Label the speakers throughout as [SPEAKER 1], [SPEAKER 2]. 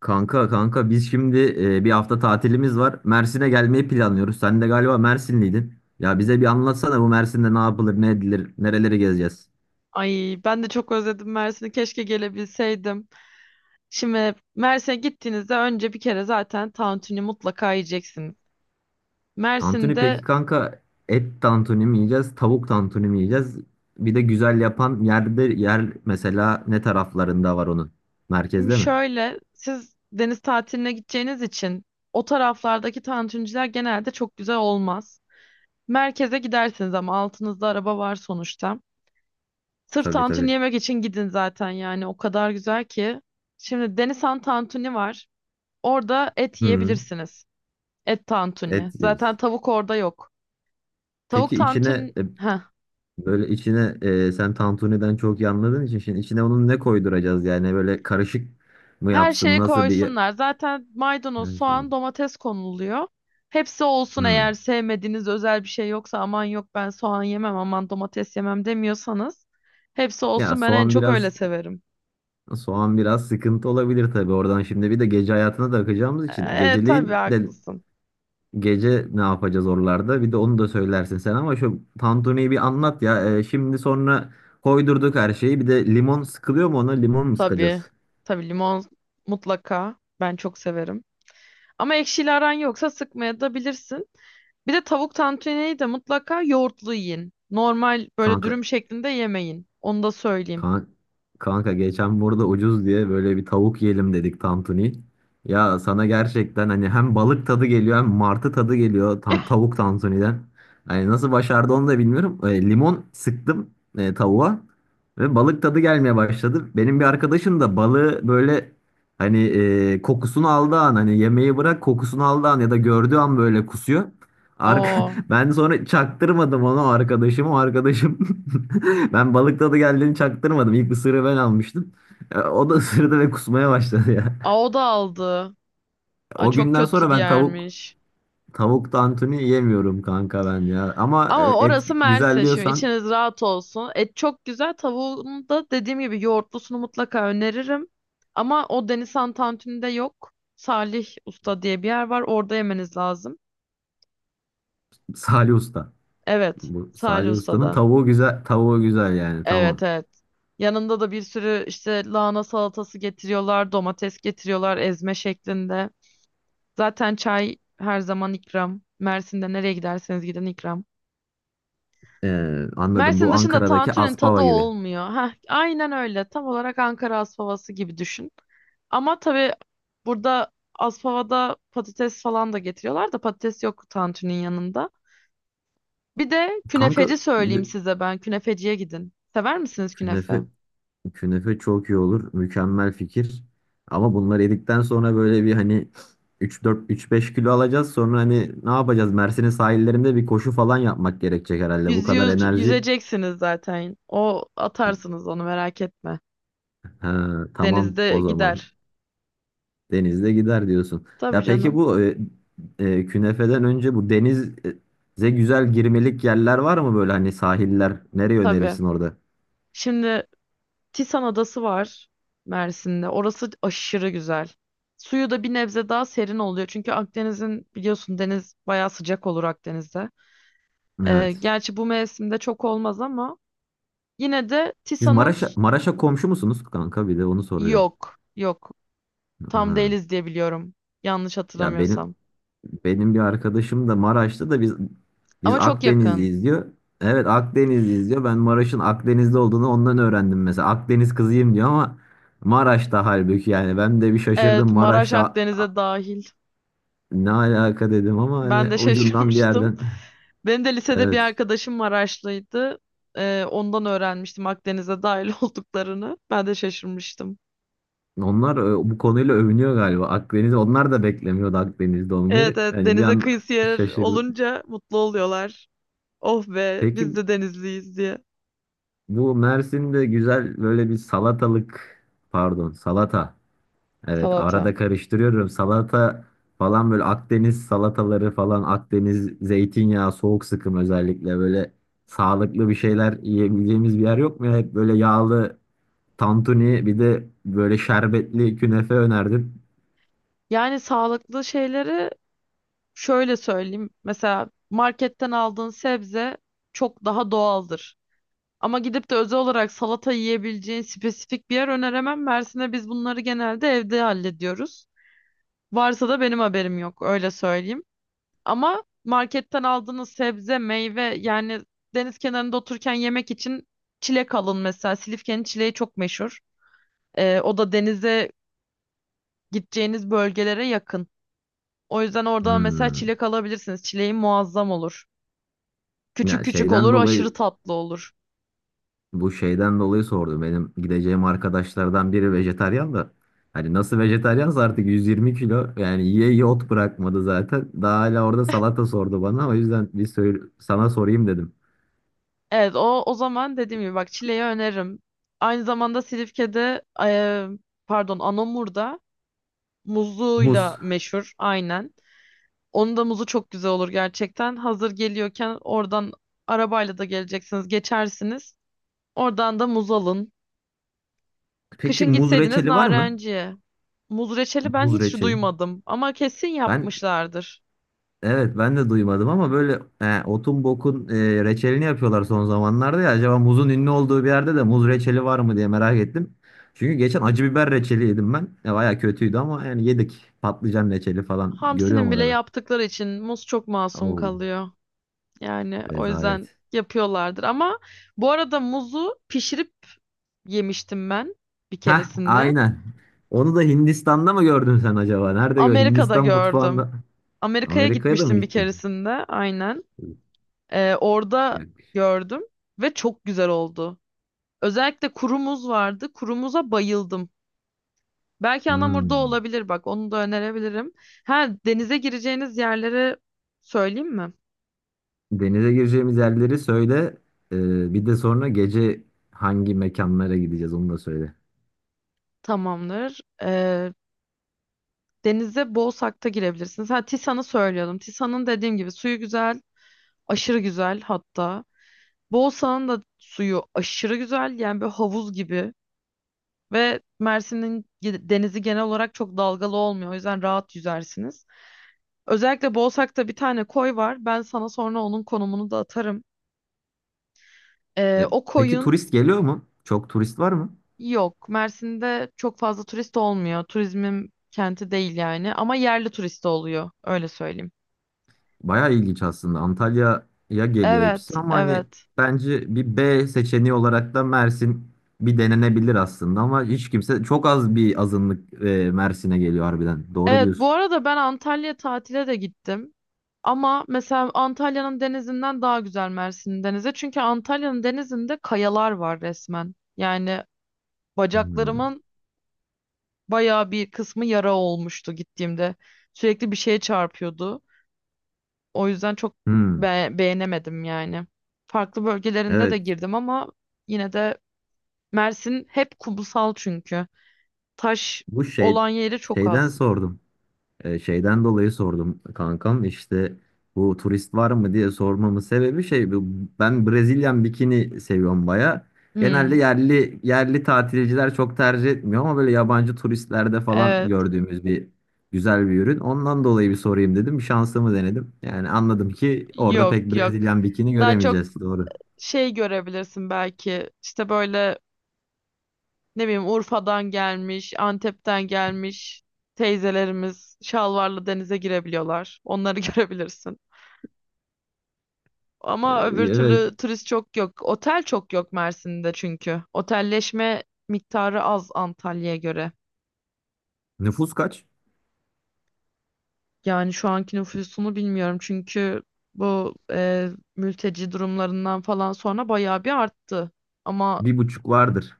[SPEAKER 1] Kanka biz şimdi bir hafta tatilimiz var. Mersin'e gelmeyi planlıyoruz. Sen de galiba Mersinliydin. Ya bize bir anlatsana bu Mersin'de ne yapılır, ne edilir, nereleri gezeceğiz?
[SPEAKER 2] Ay ben de çok özledim Mersin'i. Keşke gelebilseydim. Şimdi Mersin'e gittiğinizde önce bir kere zaten tantuni mutlaka yiyeceksiniz.
[SPEAKER 1] Tantuni peki
[SPEAKER 2] Mersin'de
[SPEAKER 1] kanka, et tantuni mi yiyeceğiz, tavuk tantuni mi yiyeceğiz? Bir de güzel yapan yerde yer mesela, ne taraflarında var onun?
[SPEAKER 2] şimdi
[SPEAKER 1] Merkezde mi?
[SPEAKER 2] şöyle siz deniz tatiline gideceğiniz için o taraflardaki tantuniciler genelde çok güzel olmaz. Merkeze gidersiniz ama altınızda araba var sonuçta. Sırf
[SPEAKER 1] Tabii
[SPEAKER 2] tantuni
[SPEAKER 1] tabii.
[SPEAKER 2] yemek için gidin zaten yani o kadar güzel ki. Şimdi Denizhan tantuni var. Orada et
[SPEAKER 1] Hı,
[SPEAKER 2] yiyebilirsiniz. Et
[SPEAKER 1] et
[SPEAKER 2] tantuni.
[SPEAKER 1] yeriz.
[SPEAKER 2] Zaten tavuk orada yok. Tavuk
[SPEAKER 1] Peki içine
[SPEAKER 2] tantuni. Heh,
[SPEAKER 1] böyle içine sen tantuniden çok iyi anladığın için şimdi içine onun ne koyduracağız, yani böyle karışık mı
[SPEAKER 2] her
[SPEAKER 1] yapsın,
[SPEAKER 2] şeyi
[SPEAKER 1] nasıl bir
[SPEAKER 2] koysunlar. Zaten maydanoz,
[SPEAKER 1] yani
[SPEAKER 2] soğan, domates konuluyor. Hepsi olsun, eğer
[SPEAKER 1] hmm.
[SPEAKER 2] sevmediğiniz özel bir şey yoksa, aman yok ben soğan yemem aman domates yemem demiyorsanız hepsi
[SPEAKER 1] Ya
[SPEAKER 2] olsun, ben en
[SPEAKER 1] soğan
[SPEAKER 2] çok öyle
[SPEAKER 1] biraz,
[SPEAKER 2] severim.
[SPEAKER 1] soğan biraz sıkıntı olabilir tabii oradan. Şimdi bir de gece hayatına da akacağımız için
[SPEAKER 2] Tabii
[SPEAKER 1] geceleyin de
[SPEAKER 2] haklısın.
[SPEAKER 1] gece ne yapacağız oralarda, bir de onu da söylersin sen, ama şu tantuniyi bir anlat ya. Şimdi sonra koydurduk her şeyi, bir de limon sıkılıyor mu, ona limon mu
[SPEAKER 2] Tabii.
[SPEAKER 1] sıkacağız
[SPEAKER 2] Tabii limon mutlaka, ben çok severim. Ama ekşili aran yoksa sıkmaya da bilirsin. Bir de tavuk tantuniyi de mutlaka yoğurtlu yiyin. Normal böyle
[SPEAKER 1] kanka?
[SPEAKER 2] dürüm şeklinde yemeyin. Onu da söyleyeyim.
[SPEAKER 1] Kan- Kanka geçen burada ucuz diye böyle bir tavuk yiyelim dedik, tantuni. Ya sana gerçekten hani hem balık tadı geliyor hem martı tadı geliyor tavuk tantuniden. Hani nasıl başardı onu da bilmiyorum. Limon sıktım tavuğa ve balık tadı gelmeye başladı. Benim bir arkadaşım da balığı böyle hani kokusunu aldığı an, hani yemeği bırak, kokusunu aldığı an ya da gördüğü an böyle kusuyor. Ar-
[SPEAKER 2] O.
[SPEAKER 1] Ben sonra çaktırmadım onu, arkadaşım. O arkadaşım ben balık tadı geldiğini çaktırmadım. İlk ısırığı ben almıştım. O da ısırdı ve kusmaya başladı ya.
[SPEAKER 2] Aa, o da aldı. Aa,
[SPEAKER 1] O
[SPEAKER 2] çok
[SPEAKER 1] günden
[SPEAKER 2] kötü
[SPEAKER 1] sonra
[SPEAKER 2] bir
[SPEAKER 1] ben tavuk
[SPEAKER 2] yermiş.
[SPEAKER 1] tavuk tantuni yemiyorum kanka ben ya. Ama
[SPEAKER 2] Ama
[SPEAKER 1] et
[SPEAKER 2] orası
[SPEAKER 1] güzel
[SPEAKER 2] Mersin. Şimdi
[SPEAKER 1] diyorsan
[SPEAKER 2] içiniz rahat olsun. Et çok güzel. Tavuğunu da dediğim gibi yoğurtlusunu mutlaka öneririm. Ama o Deniz Tantuni'de yok. Salih Usta diye bir yer var. Orada yemeniz lazım.
[SPEAKER 1] Salih Usta.
[SPEAKER 2] Evet.
[SPEAKER 1] Bu
[SPEAKER 2] Salih
[SPEAKER 1] Salih Usta'nın
[SPEAKER 2] Usta'da.
[SPEAKER 1] tavuğu güzel, tavuğu güzel yani,
[SPEAKER 2] Evet,
[SPEAKER 1] tamam.
[SPEAKER 2] evet. Yanında da bir sürü işte lahana salatası getiriyorlar. Domates getiriyorlar ezme şeklinde. Zaten çay her zaman ikram. Mersin'de nereye giderseniz gidin ikram.
[SPEAKER 1] E, Anladım.
[SPEAKER 2] Mersin
[SPEAKER 1] Bu
[SPEAKER 2] dışında
[SPEAKER 1] Ankara'daki
[SPEAKER 2] tantuni'nin tadı
[SPEAKER 1] Aspava gibi.
[SPEAKER 2] olmuyor. Heh, aynen öyle. Tam olarak Ankara Aspavası gibi düşün. Ama tabii burada Aspava'da patates falan da getiriyorlar da patates yok tantuni'nin yanında. Bir de
[SPEAKER 1] Kanka
[SPEAKER 2] künefeci
[SPEAKER 1] bir
[SPEAKER 2] söyleyeyim
[SPEAKER 1] de
[SPEAKER 2] size ben. Künefeciye gidin. Sever misiniz künefe?
[SPEAKER 1] künefe, künefe çok iyi olur. Mükemmel fikir. Ama bunları yedikten sonra böyle bir hani üç üç beş kilo alacağız. Sonra hani ne yapacağız? Mersin'in sahillerinde bir koşu falan yapmak gerekecek herhalde. Bu kadar
[SPEAKER 2] Yüzüyor,
[SPEAKER 1] enerji.
[SPEAKER 2] yüzeceksiniz zaten. O atarsınız, onu merak etme.
[SPEAKER 1] Ha, tamam
[SPEAKER 2] Denizde
[SPEAKER 1] o zaman.
[SPEAKER 2] gider.
[SPEAKER 1] Denizde gider diyorsun.
[SPEAKER 2] Tabii
[SPEAKER 1] Ya peki
[SPEAKER 2] canım.
[SPEAKER 1] bu künefeden önce bu denize güzel girmelik yerler var mı, böyle hani sahiller? Nereye
[SPEAKER 2] Tabii.
[SPEAKER 1] önerirsin orada?
[SPEAKER 2] Şimdi Tisan Adası var Mersin'de. Orası aşırı güzel. Suyu da bir nebze daha serin oluyor. Çünkü Akdeniz'in biliyorsun, deniz bayağı sıcak olur Akdeniz'de.
[SPEAKER 1] Evet.
[SPEAKER 2] Gerçi bu mevsimde çok olmaz ama yine de
[SPEAKER 1] Siz Maraş'a, Maraş'a komşu musunuz kanka? Bir de onu soruyorum.
[SPEAKER 2] Yok. Yok. Tam
[SPEAKER 1] Hı.
[SPEAKER 2] değiliz diye biliyorum. Yanlış
[SPEAKER 1] Ya
[SPEAKER 2] hatırlamıyorsam.
[SPEAKER 1] benim, benim bir arkadaşım da Maraş'ta da, biz biz
[SPEAKER 2] Ama çok yakın.
[SPEAKER 1] Akdenizliyiz diyor. Evet, Akdenizliyiz diyor. Ben Maraş'ın Akdeniz'de olduğunu ondan öğrendim mesela. Akdeniz kızıyım diyor ama Maraş'ta, halbuki yani ben de bir şaşırdım
[SPEAKER 2] Evet, Maraş
[SPEAKER 1] Maraş'ta,
[SPEAKER 2] Akdeniz'e dahil.
[SPEAKER 1] ne alaka dedim ama
[SPEAKER 2] Ben
[SPEAKER 1] hani
[SPEAKER 2] de
[SPEAKER 1] ucundan bir
[SPEAKER 2] şaşırmıştım.
[SPEAKER 1] yerden.
[SPEAKER 2] Benim de lisede bir
[SPEAKER 1] Evet.
[SPEAKER 2] arkadaşım Maraşlıydı. Ondan öğrenmiştim Akdeniz'e dahil olduklarını. Ben de şaşırmıştım.
[SPEAKER 1] Onlar bu konuyla övünüyor galiba. Akdeniz, onlar da beklemiyordu Akdeniz'de
[SPEAKER 2] Evet,
[SPEAKER 1] olmayı.
[SPEAKER 2] evet,
[SPEAKER 1] Hani bir
[SPEAKER 2] denize
[SPEAKER 1] an
[SPEAKER 2] kıyısı yer
[SPEAKER 1] şaşırdı.
[SPEAKER 2] olunca mutlu oluyorlar. Oh be, biz
[SPEAKER 1] Peki
[SPEAKER 2] de denizliyiz diye.
[SPEAKER 1] bu Mersin'de güzel böyle bir salatalık, pardon salata. Evet,
[SPEAKER 2] Salata.
[SPEAKER 1] arada karıştırıyorum. Salata falan, böyle Akdeniz salataları falan, Akdeniz zeytinyağı soğuk sıkım, özellikle böyle sağlıklı bir şeyler yiyebileceğimiz bir yer yok mu ya? Hep böyle yağlı tantuni, bir de böyle şerbetli künefe önerdim.
[SPEAKER 2] Yani sağlıklı şeyleri şöyle söyleyeyim. Mesela marketten aldığın sebze çok daha doğaldır. Ama gidip de özel olarak salata yiyebileceğin spesifik bir yer öneremem. Mersin'e biz bunları genelde evde hallediyoruz. Varsa da benim haberim yok, öyle söyleyeyim. Ama marketten aldığınız sebze, meyve yani deniz kenarında otururken yemek için çilek alın mesela. Silifke'nin çileği çok meşhur. O da denize gideceğiniz bölgelere yakın. O yüzden oradan mesela
[SPEAKER 1] Hmm.
[SPEAKER 2] çilek alabilirsiniz. Çileği muazzam olur. Küçük
[SPEAKER 1] Ya
[SPEAKER 2] küçük
[SPEAKER 1] şeyden
[SPEAKER 2] olur, aşırı
[SPEAKER 1] dolayı,
[SPEAKER 2] tatlı olur.
[SPEAKER 1] bu şeyden dolayı sordum. Benim gideceğim arkadaşlardan biri vejetaryen da. Hani nasıl vejetaryansa artık 120 kilo, yani yiye yiye ot bırakmadı zaten. Daha hala orada salata sordu bana. O yüzden bir söyle, sana sorayım dedim.
[SPEAKER 2] Evet, o zaman dediğim gibi, bak, çileği öneririm. Aynı zamanda Silifke'de e, pardon Anamur'da
[SPEAKER 1] Muz.
[SPEAKER 2] muzluğuyla meşhur, aynen. Onun da muzu çok güzel olur gerçekten. Hazır geliyorken oradan arabayla da geleceksiniz, geçersiniz. Oradan da muz alın.
[SPEAKER 1] Peki
[SPEAKER 2] Kışın
[SPEAKER 1] muz
[SPEAKER 2] gitseydiniz
[SPEAKER 1] reçeli var mı?
[SPEAKER 2] narenciye. Muz reçeli ben
[SPEAKER 1] Muz
[SPEAKER 2] hiç
[SPEAKER 1] reçeli.
[SPEAKER 2] duymadım ama kesin
[SPEAKER 1] Ben
[SPEAKER 2] yapmışlardır.
[SPEAKER 1] evet, ben de duymadım ama böyle he, otun bokun reçelini yapıyorlar son zamanlarda ya. Acaba muzun ünlü olduğu bir yerde de muz reçeli var mı diye merak ettim. Çünkü geçen acı biber reçeli yedim ben. Baya kötüydü ama yani yedik. Patlıcan reçeli falan görüyorum
[SPEAKER 2] Hamsi'nin bile
[SPEAKER 1] arada.
[SPEAKER 2] yaptıkları için muz çok masum
[SPEAKER 1] Oo,
[SPEAKER 2] kalıyor. Yani o yüzden
[SPEAKER 1] rezalet.
[SPEAKER 2] yapıyorlardır. Ama bu arada muzu pişirip yemiştim ben bir
[SPEAKER 1] Heh,
[SPEAKER 2] keresinde.
[SPEAKER 1] aynen. Onu da Hindistan'da mı gördün sen acaba? Nerede gör?
[SPEAKER 2] Amerika'da
[SPEAKER 1] Hindistan
[SPEAKER 2] gördüm.
[SPEAKER 1] mutfağında.
[SPEAKER 2] Amerika'ya
[SPEAKER 1] Amerika'ya da mı
[SPEAKER 2] gitmiştim bir
[SPEAKER 1] gittin?
[SPEAKER 2] keresinde, aynen. Orada
[SPEAKER 1] Yok.
[SPEAKER 2] gördüm ve çok güzel oldu. Özellikle kurumuz vardı. Kurumuza bayıldım. Belki Anamur'da
[SPEAKER 1] Hmm.
[SPEAKER 2] olabilir, bak, onu da önerebilirim. Ha, denize gireceğiniz yerleri söyleyeyim mi?
[SPEAKER 1] Denize gireceğimiz yerleri söyle. Bir de sonra gece hangi mekanlara gideceğiz onu da söyle.
[SPEAKER 2] Tamamdır. Denize Boğsak'ta girebilirsiniz. Ha, Tisan'ı söylüyordum. Tisan'ın dediğim gibi suyu güzel, aşırı güzel hatta. Boğsak'ın da suyu aşırı güzel. Yani bir havuz gibi. Ve denizi genel olarak çok dalgalı olmuyor. O yüzden rahat yüzersiniz. Özellikle Boğsak'ta bir tane koy var. Ben sana sonra onun konumunu da atarım.
[SPEAKER 1] E,
[SPEAKER 2] O
[SPEAKER 1] peki
[SPEAKER 2] koyun
[SPEAKER 1] turist geliyor mu? Çok turist var mı?
[SPEAKER 2] yok. Mersin'de çok fazla turist olmuyor. Turizmin kenti değil yani. Ama yerli turist oluyor. Öyle söyleyeyim.
[SPEAKER 1] Bayağı ilginç aslında. Antalya'ya geliyor
[SPEAKER 2] Evet,
[SPEAKER 1] hepsi ama hani
[SPEAKER 2] evet.
[SPEAKER 1] bence bir B seçeneği olarak da Mersin bir denenebilir aslında, ama hiç kimse, çok az bir azınlık Mersin'e geliyor harbiden. Doğru
[SPEAKER 2] Evet, bu
[SPEAKER 1] diyorsun.
[SPEAKER 2] arada ben Antalya tatile de gittim. Ama mesela Antalya'nın denizinden daha güzel Mersin'in denizi. Çünkü Antalya'nın denizinde kayalar var resmen. Yani
[SPEAKER 1] Hmm.
[SPEAKER 2] bacaklarımın bayağı bir kısmı yara olmuştu gittiğimde. Sürekli bir şeye çarpıyordu. O yüzden çok
[SPEAKER 1] Hmm.
[SPEAKER 2] beğenemedim yani. Farklı bölgelerinde de
[SPEAKER 1] Evet.
[SPEAKER 2] girdim ama yine de Mersin hep kumsal çünkü. Taş
[SPEAKER 1] Bu şey,
[SPEAKER 2] olan yeri çok
[SPEAKER 1] şeyden
[SPEAKER 2] az.
[SPEAKER 1] sordum. Şeyden dolayı sordum kankam, işte bu turist var mı diye sormamın sebebi şey ben Brezilyan bikini seviyorum baya. Genelde
[SPEAKER 2] Hmm,
[SPEAKER 1] yerli, yerli tatilciler çok tercih etmiyor ama böyle yabancı turistlerde falan
[SPEAKER 2] evet.
[SPEAKER 1] gördüğümüz bir güzel bir ürün. Ondan dolayı bir sorayım dedim. Şansımı denedim. Yani anladım ki orada pek
[SPEAKER 2] Yok, yok.
[SPEAKER 1] Brezilyan bikini
[SPEAKER 2] Daha çok
[SPEAKER 1] göremeyeceğiz. Doğru.
[SPEAKER 2] şey görebilirsin belki. İşte böyle, ne bileyim, Urfa'dan gelmiş, Antep'ten gelmiş teyzelerimiz şalvarlı denize girebiliyorlar. Onları görebilirsin. Ama öbür
[SPEAKER 1] Evet.
[SPEAKER 2] türlü turist çok yok. Otel çok yok Mersin'de çünkü. Otelleşme miktarı az Antalya'ya göre.
[SPEAKER 1] Nüfus kaç?
[SPEAKER 2] Yani şu anki nüfusunu bilmiyorum çünkü bu mülteci durumlarından falan sonra bayağı bir arttı. Ama
[SPEAKER 1] Bir buçuk vardır.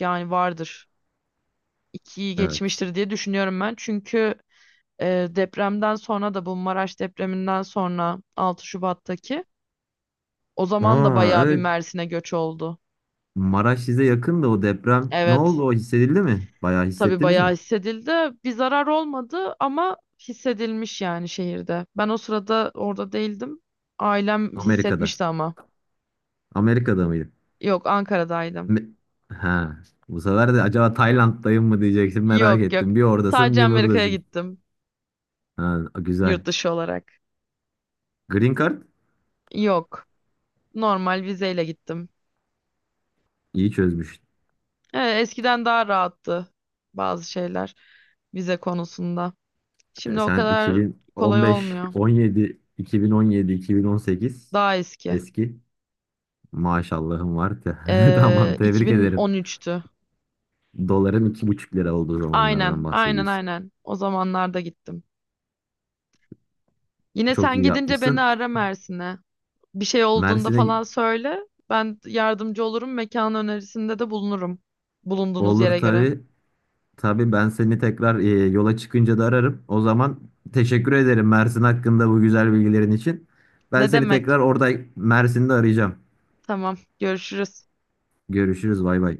[SPEAKER 2] yani vardır. İkiyi
[SPEAKER 1] Evet.
[SPEAKER 2] geçmiştir diye düşünüyorum ben. Çünkü depremden sonra da, bu Maraş depreminden sonra, 6 Şubat'taki, o zaman da
[SPEAKER 1] Aa
[SPEAKER 2] bayağı bir
[SPEAKER 1] evet,
[SPEAKER 2] Mersin'e göç oldu.
[SPEAKER 1] Maraş size yakın da, o deprem ne
[SPEAKER 2] Evet.
[SPEAKER 1] oldu, o hissedildi mi? Bayağı
[SPEAKER 2] Tabii
[SPEAKER 1] hissettiniz
[SPEAKER 2] bayağı
[SPEAKER 1] mi?
[SPEAKER 2] hissedildi. Bir zarar olmadı ama hissedilmiş yani şehirde. Ben o sırada orada değildim. Ailem
[SPEAKER 1] Amerika'da.
[SPEAKER 2] hissetmişti ama.
[SPEAKER 1] Amerika'da mıydı?
[SPEAKER 2] Yok, Ankara'daydım.
[SPEAKER 1] Me- ha. Bu sefer de acaba Tayland'dayım mı diyeceksin merak
[SPEAKER 2] Yok, yok.
[SPEAKER 1] ettim. Bir oradasın
[SPEAKER 2] Sadece
[SPEAKER 1] bir
[SPEAKER 2] Amerika'ya
[SPEAKER 1] buradasın.
[SPEAKER 2] gittim
[SPEAKER 1] Ha,
[SPEAKER 2] yurt
[SPEAKER 1] güzel.
[SPEAKER 2] dışı olarak.
[SPEAKER 1] Green Card
[SPEAKER 2] Yok. Normal vizeyle gittim.
[SPEAKER 1] iyi çözmüş.
[SPEAKER 2] Eskiden daha rahattı bazı şeyler vize konusunda. Şimdi o
[SPEAKER 1] Sen
[SPEAKER 2] kadar kolay
[SPEAKER 1] 2015,
[SPEAKER 2] olmuyor.
[SPEAKER 1] 17, 2017, 2018
[SPEAKER 2] Daha eski.
[SPEAKER 1] eski. Maşallahım var. Tamam, tebrik ederim.
[SPEAKER 2] 2013'tü.
[SPEAKER 1] Doların 2,5 TL olduğu zamanlardan
[SPEAKER 2] Aynen, aynen,
[SPEAKER 1] bahsediyorsun.
[SPEAKER 2] aynen. O zamanlarda gittim. Yine
[SPEAKER 1] Çok
[SPEAKER 2] sen
[SPEAKER 1] iyi
[SPEAKER 2] gidince beni
[SPEAKER 1] yapmışsın.
[SPEAKER 2] ara Mersin'e. Bir şey olduğunda
[SPEAKER 1] Mersin'e
[SPEAKER 2] falan söyle. Ben yardımcı olurum. Mekan önerisinde de bulunurum. Bulunduğunuz
[SPEAKER 1] olur
[SPEAKER 2] yere göre.
[SPEAKER 1] tabii. Tabii ben seni tekrar yola çıkınca da ararım. O zaman teşekkür ederim Mersin hakkında bu güzel bilgilerin için. Ben
[SPEAKER 2] Ne
[SPEAKER 1] seni
[SPEAKER 2] demek?
[SPEAKER 1] tekrar orada Mersin'de arayacağım.
[SPEAKER 2] Tamam, görüşürüz.
[SPEAKER 1] Görüşürüz, bay bay.